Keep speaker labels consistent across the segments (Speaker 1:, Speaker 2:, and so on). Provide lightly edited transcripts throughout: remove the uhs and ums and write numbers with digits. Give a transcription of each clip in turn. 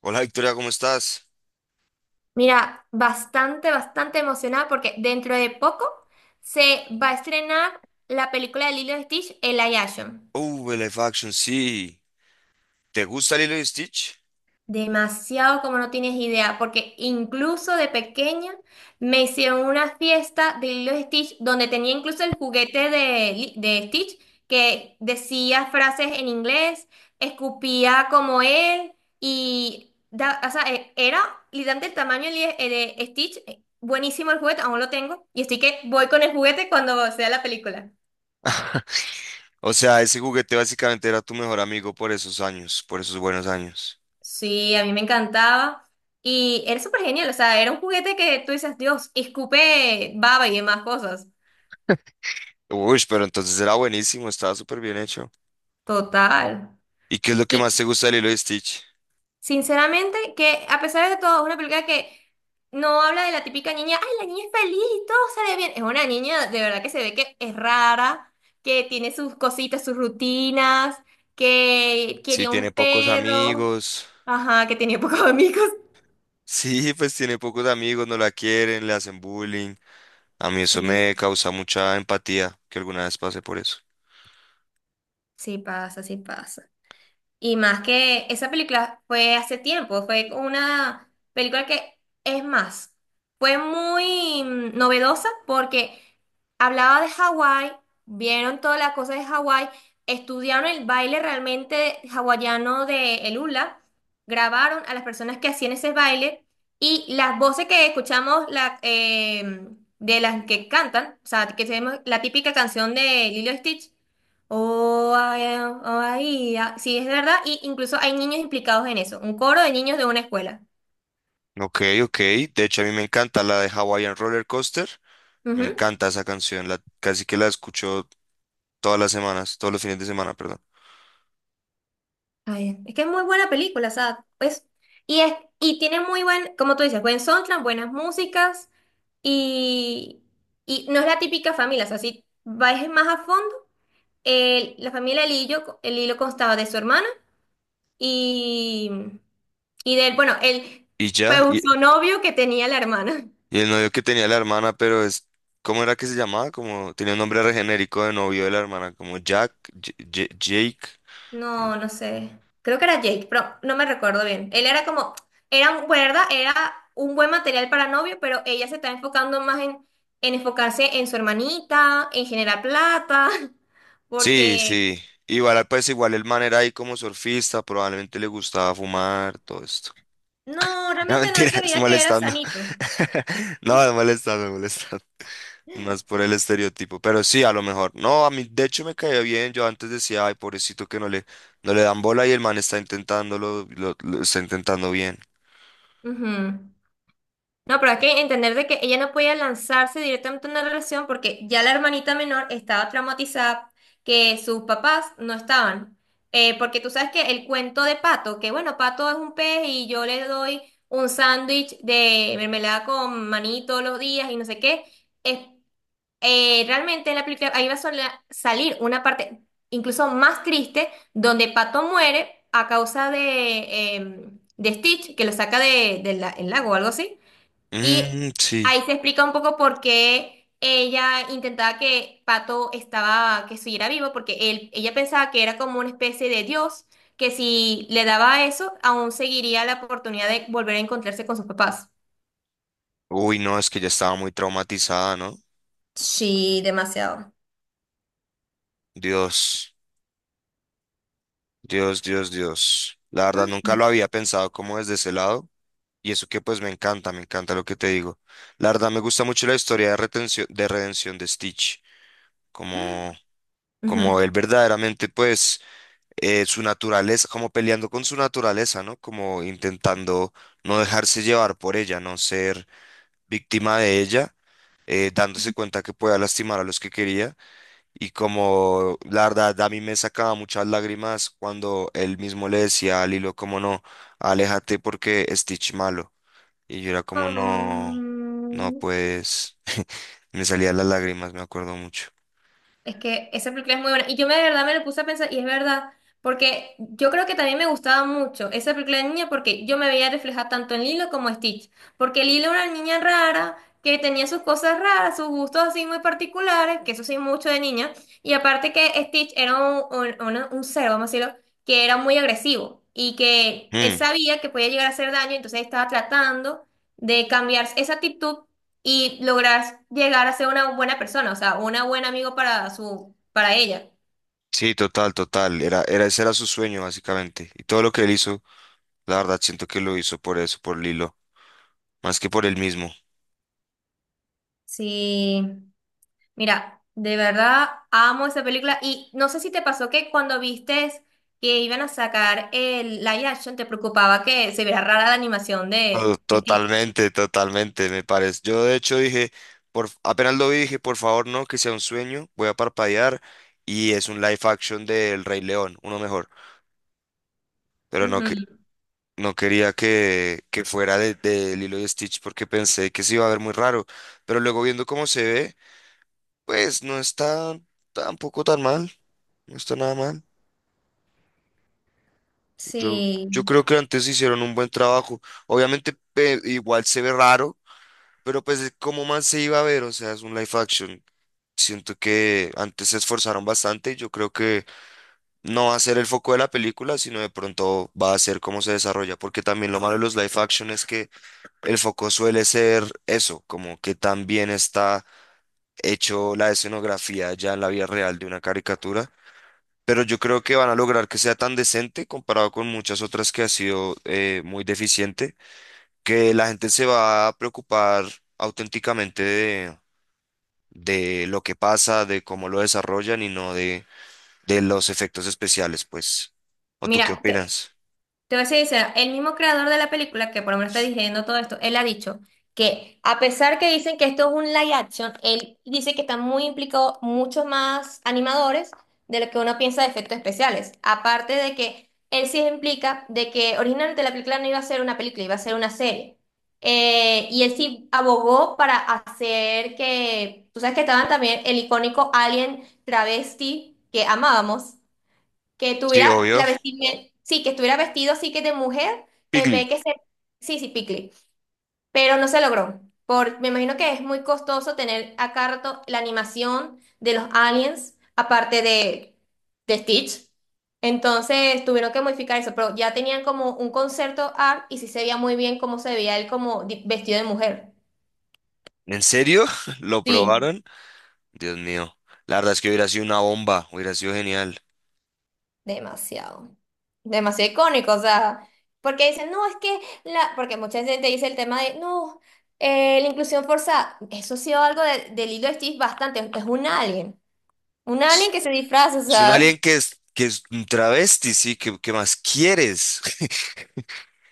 Speaker 1: Hola Victoria, ¿cómo estás?
Speaker 2: Mira, bastante, bastante emocionada porque dentro de poco se va a estrenar la película de Lilo y Stitch, El Ayashon.
Speaker 1: El live action, sí. ¿Te gusta Lilo y Stitch?
Speaker 2: Demasiado como no tienes idea, porque incluso de pequeña me hicieron una fiesta de Lilo y Stitch donde tenía incluso el juguete de, de Stitch que decía frases en inglés, escupía como él y era literalmente el tamaño de, de Stitch. Buenísimo el juguete, aún lo tengo y estoy que voy con el juguete cuando sea la película.
Speaker 1: O sea, ese juguete básicamente era tu mejor amigo por esos años, por esos buenos años.
Speaker 2: Sí, a mí me encantaba. Y era súper genial, o sea, era un juguete que tú dices, Dios, escupe baba y demás cosas.
Speaker 1: Uy, pero entonces era buenísimo, estaba súper bien hecho.
Speaker 2: Total.
Speaker 1: ¿Y qué es lo que
Speaker 2: Y
Speaker 1: más te gusta de Lilo y Stitch?
Speaker 2: sinceramente, que a pesar de todo, es una película que no habla de la típica niña, ay, la niña es feliz y todo sale bien. Es una niña de verdad que se ve que es rara, que tiene sus cositas, sus rutinas, que
Speaker 1: Sí,
Speaker 2: quería
Speaker 1: tiene
Speaker 2: un
Speaker 1: pocos
Speaker 2: perro,
Speaker 1: amigos.
Speaker 2: ajá, que tenía pocos amigos.
Speaker 1: Sí, pues tiene pocos amigos, no la quieren, le hacen bullying. A mí eso
Speaker 2: Sí,
Speaker 1: me causa mucha empatía, que alguna vez pasé por eso.
Speaker 2: sí pasa, sí pasa. Y más que esa película fue hace tiempo, fue una película que, es más, fue muy novedosa porque hablaba de Hawái, vieron toda la cosa de Hawái, estudiaron el baile realmente hawaiano de el hula, grabaron a las personas que hacían ese baile y las voces que escuchamos de las que cantan, o sea, que tenemos la típica canción de Lilo y Stitch. Oh, ay, ah, sí, es verdad. Y incluso hay niños implicados en eso. Un coro de niños de una escuela.
Speaker 1: Ok, ok. De hecho, a mí me encanta la de Hawaiian Roller Coaster. Me
Speaker 2: Ujú.
Speaker 1: encanta esa canción, la, casi que la escucho todas las semanas, todos los fines de semana, perdón.
Speaker 2: Ay, es que es muy buena película, o sea, pues, y, es, y tiene muy buen, como tú dices, buen soundtrack, buenas músicas. Y, y no es la típica familia, o sea, si vais más a fondo, la familia el hilo constaba de su hermana y, y del, bueno, el
Speaker 1: Y ya,
Speaker 2: pseudo novio que tenía la hermana.
Speaker 1: y el novio que tenía la hermana, pero es, ¿cómo era que se llamaba? Como tenía un nombre re genérico de novio de la hermana, como Jack, Jake.
Speaker 2: No, no sé. Creo que era Jake, pero no me recuerdo bien. Él era como, era un, pues, ¿verdad? Era un buen material para novio, pero ella se está enfocando más en enfocarse en su hermanita, en generar plata,
Speaker 1: Sí,
Speaker 2: porque
Speaker 1: sí. Igual, pues igual el man era ahí como surfista, probablemente le gustaba fumar, todo esto.
Speaker 2: no,
Speaker 1: No,
Speaker 2: realmente no él se
Speaker 1: mentiras,
Speaker 2: veía que era
Speaker 1: molestando.
Speaker 2: sanito.
Speaker 1: No, molestando, molestando. Más por el estereotipo, pero sí, a lo mejor. No, a mí de hecho me caía bien. Yo antes decía, ay, pobrecito que no le, no le dan bola y el man está intentándolo, lo está intentando bien.
Speaker 2: Ujú. No, pero hay que entender de que ella no podía lanzarse directamente a una relación porque ya la hermanita menor estaba traumatizada, que sus papás no estaban. Porque tú sabes que el cuento de Pato, que bueno, Pato es un pez y yo le doy un sándwich de mermelada con maní todos los días y no sé qué, es, realmente en la película ahí va a salir una parte incluso más triste donde Pato muere a causa de, de Stitch, que lo saca de, el lago o algo así. Y
Speaker 1: Mm, sí.
Speaker 2: ahí se explica un poco por qué ella intentaba que Pato estaba, que siguiera vivo, porque él, ella pensaba que era como una especie de Dios, que si le daba eso, aún seguiría la oportunidad de volver a encontrarse con sus papás.
Speaker 1: Uy, no, es que ya estaba muy traumatizada, ¿no?
Speaker 2: Sí, demasiado.
Speaker 1: Dios, Dios, Dios, Dios. La verdad,
Speaker 2: Mm.
Speaker 1: nunca
Speaker 2: Mm.
Speaker 1: lo había pensado como desde ese lado. Y eso que pues me encanta lo que te digo. La verdad me gusta mucho la historia de retención, de redención de Stitch, como,
Speaker 2: Ujú.
Speaker 1: como él verdaderamente pues su naturaleza, como peleando con su naturaleza, ¿no? Como intentando no dejarse llevar por ella, no ser víctima de ella, dándose cuenta que podía lastimar a los que quería. Y como la verdad a mí me sacaba muchas lágrimas cuando él mismo le decía a Lilo, como no, aléjate porque Stitch malo. Y yo era como, no, no,
Speaker 2: Mm.
Speaker 1: pues me salían las lágrimas, me acuerdo mucho.
Speaker 2: Es que esa película es muy buena. Y yo me de verdad me lo puse a pensar, y es verdad, porque yo creo que también me gustaba mucho esa película de niña porque yo me veía reflejada tanto en Lilo como en Stitch. Porque Lilo era una niña rara, que tenía sus cosas raras, sus gustos así muy particulares, que eso sí, mucho de niña. Y aparte que Stitch era un ser, vamos a decirlo, que era muy agresivo y que él
Speaker 1: Mm,
Speaker 2: sabía que podía llegar a hacer daño, entonces estaba tratando de cambiar esa actitud y lograr llegar a ser una buena persona, o sea, una buena amigo para su, para ella.
Speaker 1: sí, total, total. Ese era su sueño, básicamente. Y todo lo que él hizo, la verdad, siento que lo hizo por eso, por Lilo, más que por él mismo.
Speaker 2: Sí, mira, de verdad amo esa película y no sé si te pasó que cuando vistes que iban a sacar el live action te preocupaba que se viera rara la animación de Stitch.
Speaker 1: Totalmente, totalmente, me parece. Yo de hecho dije, apenas lo vi, dije, por favor, no, que sea un sueño, voy a parpadear y es un live action del Rey León, uno mejor. Pero no, que
Speaker 2: Ujú.
Speaker 1: no quería que fuera de Lilo y Stitch porque pensé que se iba a ver muy raro, pero luego viendo cómo se ve, pues no está tampoco tan mal, no está nada mal. Yo,
Speaker 2: Sí.
Speaker 1: yo creo que antes hicieron un buen trabajo. Obviamente igual se ve raro, pero pues de cómo más se iba a ver, o sea, es un live action. Siento que antes se esforzaron bastante y yo creo que no va a ser el foco de la película, sino de pronto va a ser cómo se desarrolla, porque también lo malo de los live action es que el foco suele ser eso, como que también está hecho la escenografía ya en la vida real de una caricatura, pero yo creo que van a lograr que sea tan decente comparado con muchas otras que ha sido muy deficiente, que la gente se va a preocupar auténticamente de lo que pasa, de cómo lo desarrollan y no de, de los efectos especiales, pues. ¿O tú qué
Speaker 2: Mira,
Speaker 1: opinas?
Speaker 2: te voy a ser sincera, el mismo creador de la película, que por lo menos está dirigiendo todo esto, él ha dicho que a pesar que dicen que esto es un live action, él dice que están muy implicados muchos más animadores de lo que uno piensa de efectos especiales. Aparte de que él sí implica de que originalmente la película no iba a ser una película, iba a ser una serie. Y él sí abogó para hacer que, tú sabes que estaban también el icónico alien travesti que amábamos. Que
Speaker 1: Sí,
Speaker 2: tuviera
Speaker 1: obvio.
Speaker 2: la vestimenta, sí, que estuviera vestido así que de mujer, en
Speaker 1: Piglet.
Speaker 2: vez que ser, sí, sí, picle, pero no se logró. Por, me imagino que es muy costoso tener a cada rato la animación de los aliens, aparte de Stitch. Entonces tuvieron que modificar eso, pero ya tenían como un concepto art y sí se veía muy bien cómo se veía él como vestido de mujer.
Speaker 1: ¿En serio? ¿Lo
Speaker 2: Sí.
Speaker 1: probaron? Dios mío. La verdad es que hubiera sido una bomba, hubiera sido genial.
Speaker 2: Demasiado. Demasiado icónico, o sea, porque dicen, no, es que la, porque mucha gente dice el tema de, no, la inclusión forzada, eso ha sido algo del hilo de Steve bastante, es un alien
Speaker 1: Es
Speaker 2: que se disfraza, o
Speaker 1: es un
Speaker 2: sea.
Speaker 1: alien que es un travesti, sí, ¿qué, qué más quieres?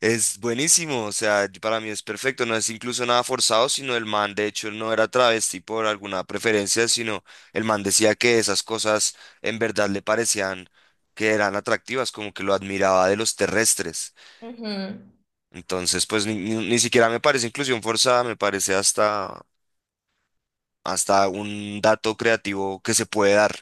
Speaker 1: Es buenísimo, o sea, yo- para mí es perfecto, no es incluso nada forzado, sino el man, de hecho, no era travesti por alguna preferencia, sino el man decía que esas cosas en verdad le parecían que eran atractivas, como que lo admiraba de los terrestres.
Speaker 2: Ujú.
Speaker 1: Entonces, pues ni, ni siquiera me parece inclusión forzada, me parece hasta, hasta un dato creativo que se puede dar.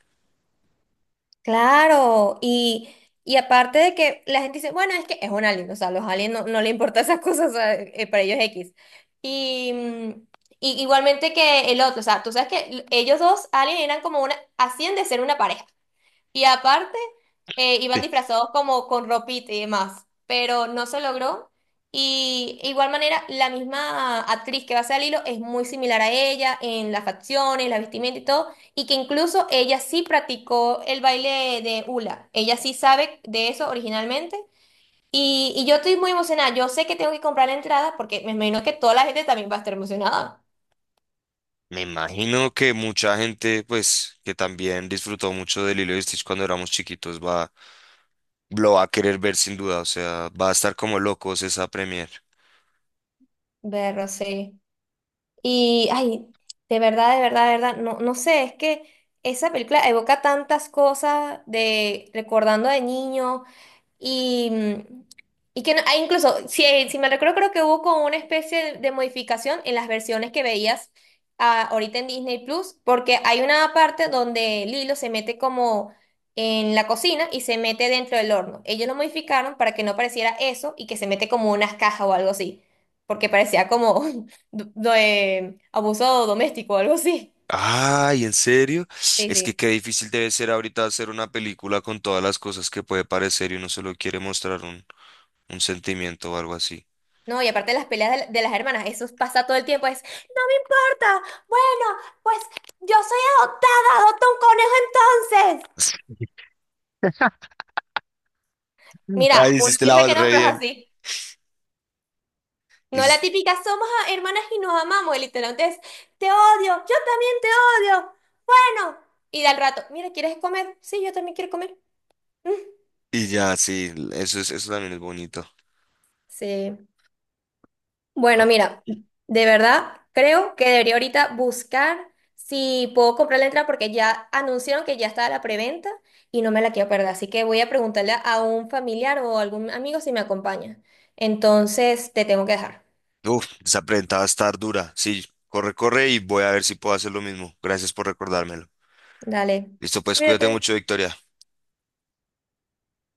Speaker 2: Claro, y aparte de que la gente dice, bueno, es que es un alien, o sea, los aliens no, no le importan esas cosas, o sea, para ellos es X. Y, y igualmente que el otro, o sea, tú sabes que ellos dos, aliens, eran como una, hacían de ser una pareja. Y aparte, iban disfrazados como con ropita y demás, pero no se logró. Y igual manera, la misma actriz que va a ser Lilo es muy similar a ella en las facciones, la vestimenta y todo, y que incluso ella sí practicó el baile de hula. Ella sí sabe de eso originalmente. Y yo estoy muy emocionada. Yo sé que tengo que comprar la entrada porque me imagino que toda la gente también va a estar emocionada.
Speaker 1: Me imagino que mucha gente, pues, que también disfrutó mucho de Lilo y Stitch cuando éramos chiquitos, va, lo va a querer ver sin duda, o sea, va a estar como locos esa premier.
Speaker 2: Verlo, sí. Y, ay, de verdad, de verdad, de verdad, no, no sé, es que esa película evoca tantas cosas de recordando de niño, y, y que incluso, si, si me recuerdo, creo que hubo como una especie de modificación en las versiones que veías ahorita en Disney Plus, porque hay una parte donde Lilo se mete como en la cocina y se mete dentro del horno. Ellos lo modificaron para que no pareciera eso y que se mete como unas cajas o algo así, porque parecía como abuso doméstico o algo así.
Speaker 1: Ay, ¿en serio?
Speaker 2: Sí,
Speaker 1: Es que
Speaker 2: sí.
Speaker 1: qué difícil debe ser ahorita hacer una película con todas las cosas que puede parecer y uno solo quiere mostrar un sentimiento o algo así.
Speaker 2: No, y aparte de las peleas de, de las hermanas, eso pasa todo el tiempo, es, no me importa, bueno, pues yo soy adoptada, adopta un conejo entonces. Mira,
Speaker 1: Ay,
Speaker 2: uno
Speaker 1: hiciste la
Speaker 2: piensa
Speaker 1: voz
Speaker 2: que no,
Speaker 1: re
Speaker 2: pero es
Speaker 1: bien.
Speaker 2: así. No la
Speaker 1: Hiciste-
Speaker 2: típica, somos hermanas y nos amamos, y literalmente es, te odio, yo también te odio, bueno. Y de al rato, mira, ¿quieres comer? Sí, yo también quiero comer. Mm,
Speaker 1: Y ya, sí, eso es, eso también es bonito.
Speaker 2: sí. Bueno, mira, de verdad creo que debería ahorita buscar si puedo comprar la entrada porque ya anunciaron que ya está la preventa y no me la quiero perder. Así que voy a preguntarle a un familiar o algún amigo si me acompaña. Entonces, te tengo que dejar.
Speaker 1: Uf, esa prenda va a estar dura. Sí, corre, corre y voy a ver si puedo hacer lo mismo. Gracias por recordármelo.
Speaker 2: Dale.
Speaker 1: Listo, pues cuídate
Speaker 2: Cuídate.
Speaker 1: mucho, Victoria.